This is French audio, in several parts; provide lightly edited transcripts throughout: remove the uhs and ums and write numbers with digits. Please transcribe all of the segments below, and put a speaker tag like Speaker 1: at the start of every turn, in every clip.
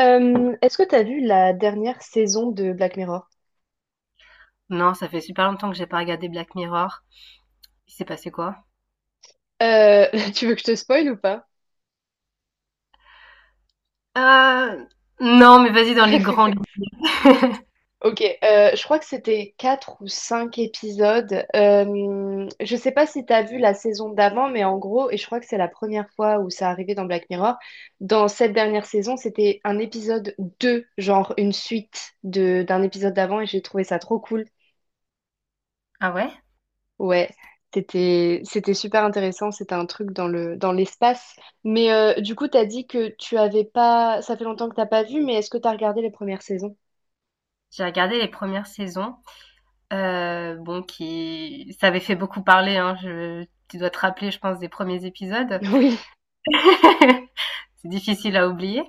Speaker 1: Est-ce que t'as vu la dernière saison de Black Mirror?
Speaker 2: Non, ça fait super longtemps que j'ai pas regardé Black Mirror. Il s'est passé quoi?
Speaker 1: Euh, Tu veux que je te spoil ou pas?
Speaker 2: Euh, non, mais vas-y dans les grandes.
Speaker 1: Ok, je crois que c'était quatre ou cinq épisodes. Je sais pas si t'as vu la saison d'avant, mais en gros, et je crois que c'est la première fois où ça arrivait dans Black Mirror, dans cette dernière saison, c'était un épisode 2, genre une suite de d'un épisode d'avant, et j'ai trouvé ça trop cool.
Speaker 2: Ah ouais?
Speaker 1: Ouais, c'était super intéressant, c'était un truc dans le dans l'espace. Mais du coup, t'as dit que tu avais pas, ça fait longtemps que t'as pas vu, mais est-ce que t'as regardé les premières saisons?
Speaker 2: J'ai regardé les premières saisons. Bon, qui, ça avait fait beaucoup parler, hein. Je... Tu dois te rappeler, je pense, des premiers épisodes.
Speaker 1: Oui,
Speaker 2: C'est difficile à oublier.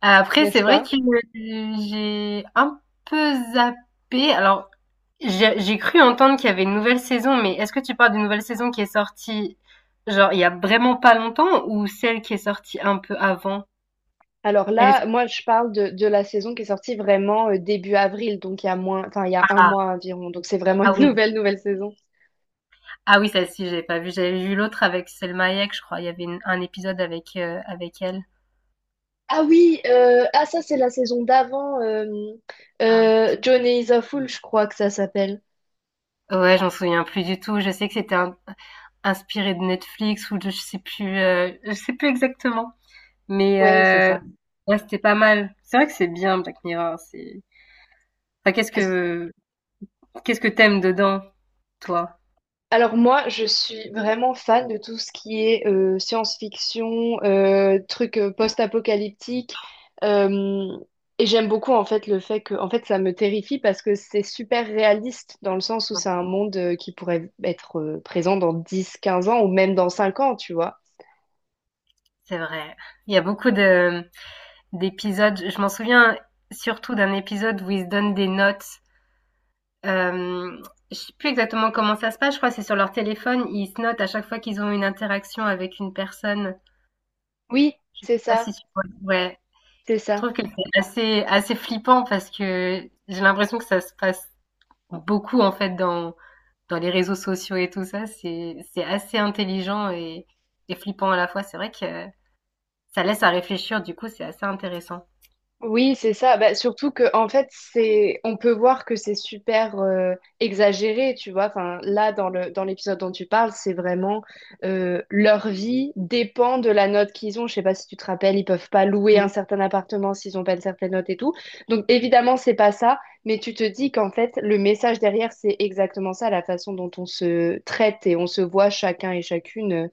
Speaker 2: Après, c'est
Speaker 1: n'est-ce
Speaker 2: vrai
Speaker 1: pas?
Speaker 2: que j'ai un peu zappé. Alors, j'ai cru entendre qu'il y avait une nouvelle saison, mais est-ce que tu parles d'une nouvelle saison qui est sortie, genre, il y a vraiment pas longtemps ou celle qui est sortie un peu avant?
Speaker 1: Alors
Speaker 2: Elle est...
Speaker 1: là, moi, je parle de la saison qui est sortie vraiment début avril, donc il y a moins, enfin il y a un
Speaker 2: Ah,
Speaker 1: mois environ, donc c'est vraiment
Speaker 2: ah
Speaker 1: une
Speaker 2: oui.
Speaker 1: nouvelle nouvelle saison.
Speaker 2: Ah oui, celle-ci, j'avais pas vu. J'avais vu l'autre avec Selma Hayek, je crois. Il y avait un épisode avec, avec elle.
Speaker 1: Ah oui, ah ça c'est la saison d'avant,
Speaker 2: Ah oui.
Speaker 1: Johnny is a Fool, je crois que ça s'appelle.
Speaker 2: Ouais, j'en souviens plus du tout. Je sais que c'était inspiré de Netflix ou de, je sais plus exactement. Mais,
Speaker 1: Ouais, c'est ça.
Speaker 2: ouais, c'était pas mal. C'est vrai que c'est bien, Black Mirror. C'est, enfin, qu'est-ce que t'aimes dedans, toi?
Speaker 1: Alors moi, je suis vraiment fan de tout ce qui est science-fiction, trucs post-apocalyptiques, euh, et j'aime beaucoup en fait le fait que, en fait, ça me terrifie parce que c'est super réaliste dans le sens où c'est un monde qui pourrait être présent dans 10, 15 ans ou même dans 5 ans, tu vois.
Speaker 2: C'est vrai. Il y a beaucoup de d'épisodes. Je m'en souviens surtout d'un épisode où ils se donnent des notes. Euh, je sais plus exactement comment ça se passe. Je crois que c'est sur leur téléphone. Ils se notent à chaque fois qu'ils ont une interaction avec une personne.
Speaker 1: Oui,
Speaker 2: Je sais
Speaker 1: c'est
Speaker 2: pas
Speaker 1: ça,
Speaker 2: si tu vois. Ouais.
Speaker 1: c'est
Speaker 2: Je
Speaker 1: ça.
Speaker 2: trouve que c'est assez flippant parce que j'ai l'impression que ça se passe beaucoup en fait dans les réseaux sociaux et tout ça. C'est assez intelligent et flippant à la fois. C'est vrai que ça laisse à réfléchir. Du coup, c'est assez intéressant.
Speaker 1: Oui, c'est ça. Bah, surtout que en fait, c'est, on peut voir que c'est super exagéré, tu vois. Enfin, là, dans le dans l'épisode dont tu parles, c'est vraiment leur vie dépend de la note qu'ils ont. Je sais pas si tu te rappelles, ils peuvent pas louer un certain appartement s'ils ont pas une certaine note et tout. Donc évidemment, c'est pas ça. Mais tu te dis qu'en fait, le message derrière, c'est exactement ça, la façon dont on se traite et on se voit chacun et chacune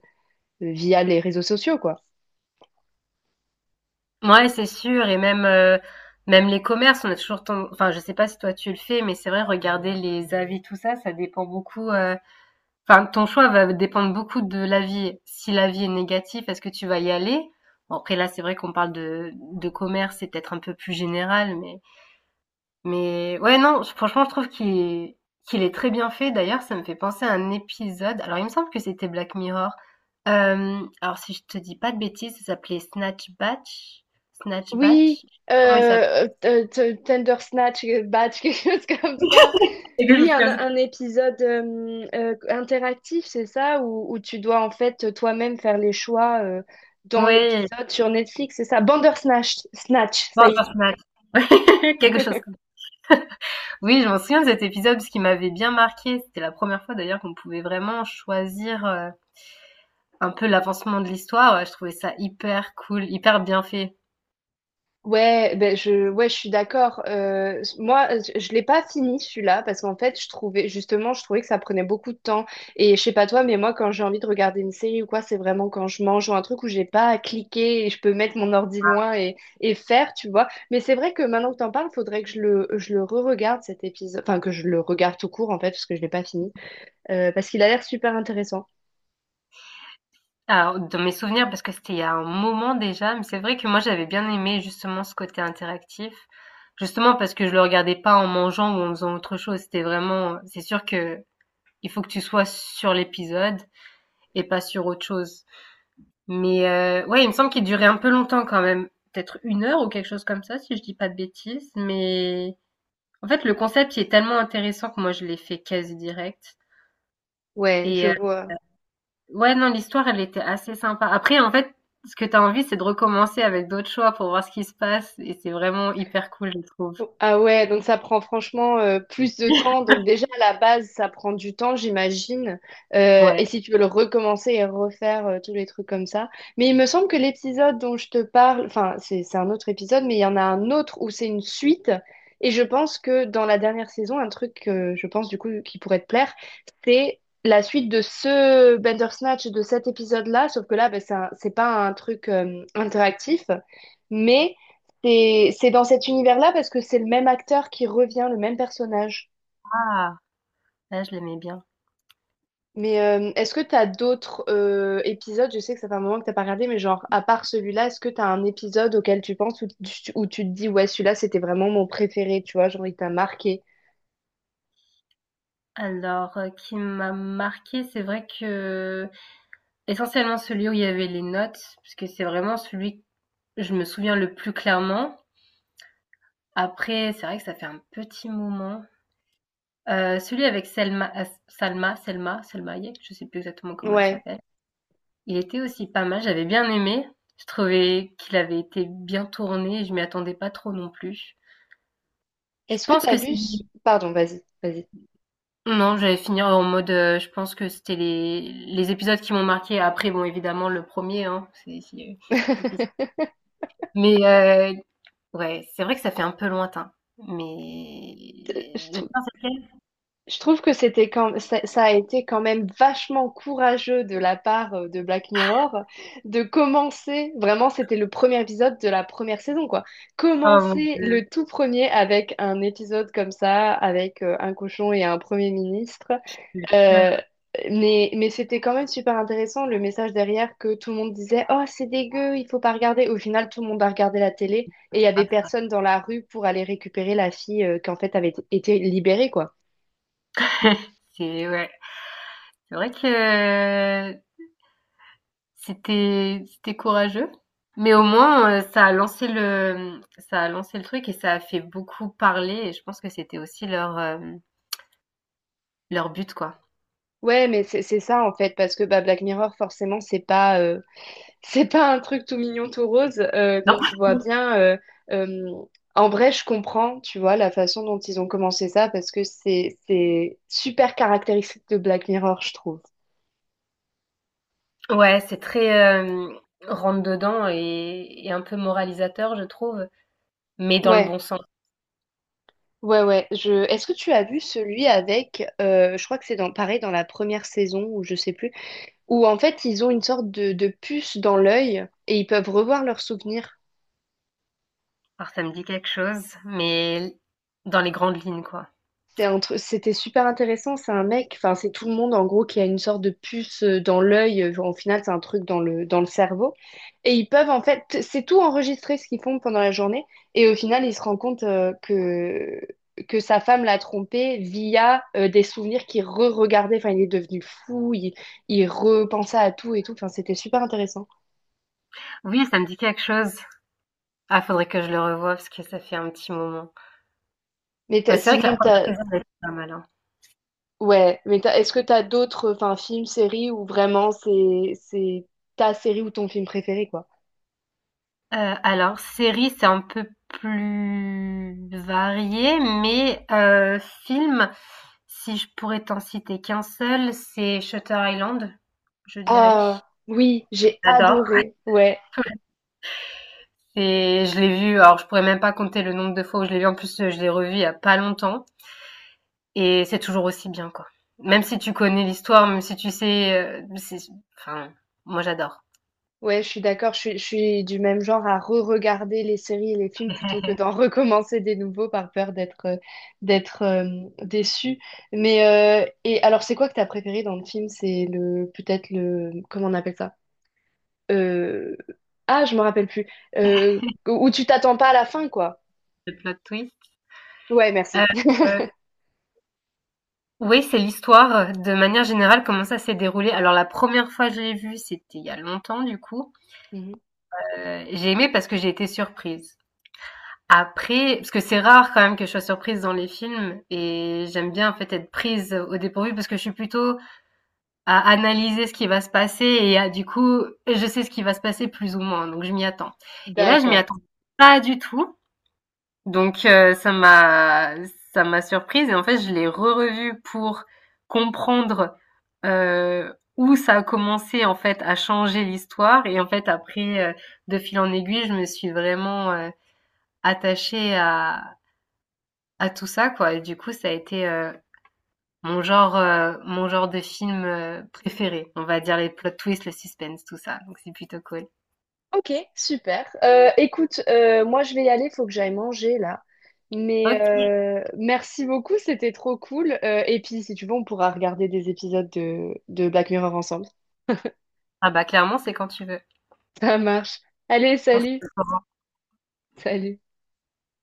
Speaker 1: via les réseaux sociaux, quoi.
Speaker 2: Ouais, c'est sûr et même, même les commerces, on a toujours ten enfin, je sais pas si toi tu le fais, mais c'est vrai regarder les avis, tout ça, ça dépend beaucoup, enfin, ton choix va dépendre beaucoup de l'avis. Si l'avis est négatif, est-ce que tu vas y aller? Bon après là, c'est vrai qu'on parle de commerce, c'est peut-être un peu plus général, mais ouais, non, je franchement, je trouve qu'il est très bien fait. D'ailleurs, ça me fait penser à un épisode. Alors, il me semble que c'était Black Mirror. Hem, alors, si je te dis pas de bêtises, ça s'appelait Snatch Batch? Snatch
Speaker 1: Oui,
Speaker 2: Batch? Comment il s'appelle
Speaker 1: Tender Snatch, Batch, quelque chose comme ça.
Speaker 2: Quelque
Speaker 1: Oui,
Speaker 2: chose
Speaker 1: un,
Speaker 2: comme
Speaker 1: un épisode interactif, c'est ça, où tu dois en fait toi-même faire les choix
Speaker 2: ça.
Speaker 1: dans
Speaker 2: Ouais,
Speaker 1: l'épisode sur Netflix, c'est ça. Bandersnatch, Snatch, ça y est.
Speaker 2: Bandersnatch. Quelque chose comme ça. Oui, je m'en souviens de cet épisode parce qu'il m'avait bien marqué. C'était la première fois d'ailleurs qu'on pouvait vraiment choisir, un peu l'avancement de l'histoire. Ouais, je trouvais ça hyper cool, hyper bien fait.
Speaker 1: Ouais, ben ouais, je suis d'accord. Moi, je l'ai pas fini celui-là parce qu'en fait, je trouvais justement, je trouvais que ça prenait beaucoup de temps. Et je sais pas toi, mais moi, quand j'ai envie de regarder une série ou quoi, c'est vraiment quand je mange ou un truc où j'ai pas à cliquer et je peux mettre mon ordi loin et faire, tu vois. Mais c'est vrai que maintenant que t'en parles, faudrait que je le re-regarde cet épisode, enfin que je le regarde tout court en fait parce que je l'ai pas fini. Parce qu'il a l'air super intéressant.
Speaker 2: Alors, dans mes souvenirs, parce que c'était il y a un moment déjà, mais c'est vrai que moi j'avais bien aimé justement ce côté interactif. Justement parce que je le regardais pas en mangeant ou en faisant autre chose. C'était vraiment, c'est sûr que il faut que tu sois sur l'épisode et pas sur autre chose. Mais ouais, il me semble qu'il durait un peu longtemps quand même, peut-être une heure ou quelque chose comme ça, si je dis pas de bêtises. Mais en fait, le concept il est tellement intéressant que moi je l'ai fait quasi direct.
Speaker 1: Ouais, je
Speaker 2: Et
Speaker 1: vois.
Speaker 2: ouais, non, l'histoire, elle était assez sympa. Après, en fait, ce que t'as envie, c'est de recommencer avec d'autres choix pour voir ce qui se passe et c'est vraiment hyper cool, je trouve.
Speaker 1: Ah ouais, donc ça prend franchement plus de temps. Donc déjà à la base, ça prend du temps, j'imagine.
Speaker 2: Ouais.
Speaker 1: Et si tu veux le recommencer et refaire tous les trucs comme ça. Mais il me semble que l'épisode dont je te parle, enfin c'est un autre épisode, mais il y en a un autre où c'est une suite. Et je pense que dans la dernière saison, un truc que je pense du coup qui pourrait te plaire, c'est la suite de ce Bandersnatch de cet épisode-là. Sauf que là, ben, c'est pas un truc interactif, mais c'est dans cet univers-là parce que c'est le même acteur qui revient, le même personnage.
Speaker 2: Ah, là, je l'aimais bien.
Speaker 1: Mais est-ce que tu as d'autres épisodes? Je sais que ça fait un moment que t'as pas regardé, mais genre, à part celui-là, est-ce que tu as un épisode auquel tu penses où tu te dis, ouais, celui-là, c'était vraiment mon préféré, tu vois, genre, il t'a marqué.
Speaker 2: Alors, qui m'a marqué, c'est vrai que essentiellement celui où il y avait les notes, puisque c'est vraiment celui que je me souviens le plus clairement. Après, c'est vrai que ça fait un petit moment. Celui avec Selma, As- Salma, Selma, Selma Hayek, je sais plus exactement comment elle
Speaker 1: Ouais.
Speaker 2: s'appelle. Il était aussi pas mal, j'avais bien aimé. Je trouvais qu'il avait été bien tourné, je m'y attendais pas trop non plus. Je
Speaker 1: Est-ce que tu
Speaker 2: pense
Speaker 1: as
Speaker 2: que c'est
Speaker 1: vu... ce- Pardon, vas-y, vas-y.
Speaker 2: Non, j'allais finir en mode, je pense que c'était les épisodes qui m'ont marqué. Après bon, évidemment le premier, hein, c'est difficile. Mais ouais, c'est vrai que ça fait un peu lointain, mais
Speaker 1: Je
Speaker 2: le
Speaker 1: trou-
Speaker 2: pire c'est
Speaker 1: Je trouve que c'était quand ça a été quand même vachement courageux de la part de Black Mirror de commencer, vraiment c'était le premier épisode de la première saison quoi,
Speaker 2: oh mon
Speaker 1: commencer le
Speaker 2: Dieu,
Speaker 1: tout premier avec un épisode comme ça, avec un cochon et un premier ministre.
Speaker 2: je te
Speaker 1: Euh,
Speaker 2: jure.
Speaker 1: mais c'était quand même super intéressant le message derrière que tout le monde disait «Oh c'est dégueu, il faut pas regarder». Au final tout le monde a regardé la télé et il y avait personne dans la rue pour aller récupérer la fille qui en fait avait été libérée quoi.
Speaker 2: C'est ouais, c'est vrai que c'était courageux, mais au moins, ça a lancé le truc et ça a fait beaucoup parler et je pense que c'était aussi leur, leur but, quoi.
Speaker 1: Ouais, mais c'est ça en fait, parce que bah, Black Mirror, forcément, c'est pas c'est pas un truc tout mignon, tout rose.
Speaker 2: Non?
Speaker 1: Donc je vois bien. Euh, En vrai, je comprends, tu vois, la façon dont ils ont commencé ça, parce que c'est super caractéristique de Black Mirror, je trouve.
Speaker 2: Ouais, c'est très, rentre dedans et un peu moralisateur, je trouve, mais dans le
Speaker 1: Ouais,
Speaker 2: bon sens.
Speaker 1: ouais, ouais. Est-ce que tu as vu celui avec, je crois que c'est pareil dans la première saison, ou je sais plus, où en fait ils ont une sorte de puce dans l'œil et ils peuvent revoir leurs souvenirs.
Speaker 2: Alors ça me dit quelque chose, mais dans les grandes lignes, quoi.
Speaker 1: C'était super intéressant. C'est un mec, enfin, c'est tout le monde en gros qui a une sorte de puce dans l'œil. En final, c'est un truc dans le cerveau. Et ils peuvent en fait, c'est tout enregistré ce qu'ils font pendant la journée. Et au final, il se rend compte que sa femme l'a trompé via des souvenirs qu'il re-regardait. Enfin, il est devenu fou, il repensait à tout et tout. Enfin, c'était super intéressant.
Speaker 2: Oui, ça me dit quelque chose. Ah, faudrait que je le revoie parce que ça fait un petit moment.
Speaker 1: Mais
Speaker 2: Bah,
Speaker 1: t'as-
Speaker 2: c'est vrai que
Speaker 1: sinon,
Speaker 2: la première
Speaker 1: t'as,
Speaker 2: saison elle était pas mal, hein.
Speaker 1: ouais, mais est-ce que t'as d'autres, enfin, films, séries où vraiment c'est ta série ou ton film préféré, quoi?
Speaker 2: Heu, alors série, c'est un peu plus varié, mais film, si je pourrais t'en citer qu'un seul, c'est Shutter Island, je dirais.
Speaker 1: Ah oui, j'ai
Speaker 2: J'adore.
Speaker 1: adoré. Ouais,
Speaker 2: C'est Je l'ai vu, alors je pourrais même pas compter le nombre de fois où je l'ai vu. En plus, je l'ai revu il y a pas longtemps et c'est toujours aussi bien, quoi. Même si tu connais l'histoire, même si tu sais, c'est enfin, moi j'adore.
Speaker 1: ouais, je suis d'accord. Je suis du même genre à re-regarder les séries et les films plutôt que d'en recommencer des nouveaux par peur d'être déçue. Mais et alors, c'est quoi que t'as préféré dans le film? C'est le peut-être le comment on appelle ça? Euh, ah, je me rappelle plus. Euh, Où tu t'attends pas à la fin, quoi.
Speaker 2: Le plot twist.
Speaker 1: Ouais, merci.
Speaker 2: Heu Oui, c'est l'histoire, de manière générale, comment ça s'est déroulé. Alors la première fois que je l'ai vu, c'était il y a longtemps du coup,
Speaker 1: Mhm.
Speaker 2: j'ai aimé parce que j'ai été surprise. Après parce que c'est rare quand même que je sois surprise dans les films et j'aime bien en fait être prise au dépourvu parce que je suis plutôt à analyser ce qui va se passer et à du coup, je sais ce qui va se passer plus ou moins, donc je m'y attends. Et là, je m'y
Speaker 1: D'accord.
Speaker 2: attends pas du tout. Donc ça m'a surprise et en fait, je l'ai re-revu pour comprendre, où ça a commencé, en fait, à changer l'histoire et en fait, après, de fil en aiguille, je me suis vraiment, attachée à tout ça, quoi, et du coup, ça a été, mon genre de film, préféré. On va dire les plot twists, le suspense, tout ça, donc c'est plutôt cool.
Speaker 1: Ok, super. Écoute, moi je vais y aller, faut que j'aille manger là. Mais
Speaker 2: OK.
Speaker 1: merci beaucoup, c'était trop cool. Et puis si tu veux, on pourra regarder des épisodes de Black Mirror ensemble.
Speaker 2: Ah bah, clairement, c'est quand tu veux.
Speaker 1: Ça marche. Allez,
Speaker 2: On
Speaker 1: salut.
Speaker 2: se
Speaker 1: Salut.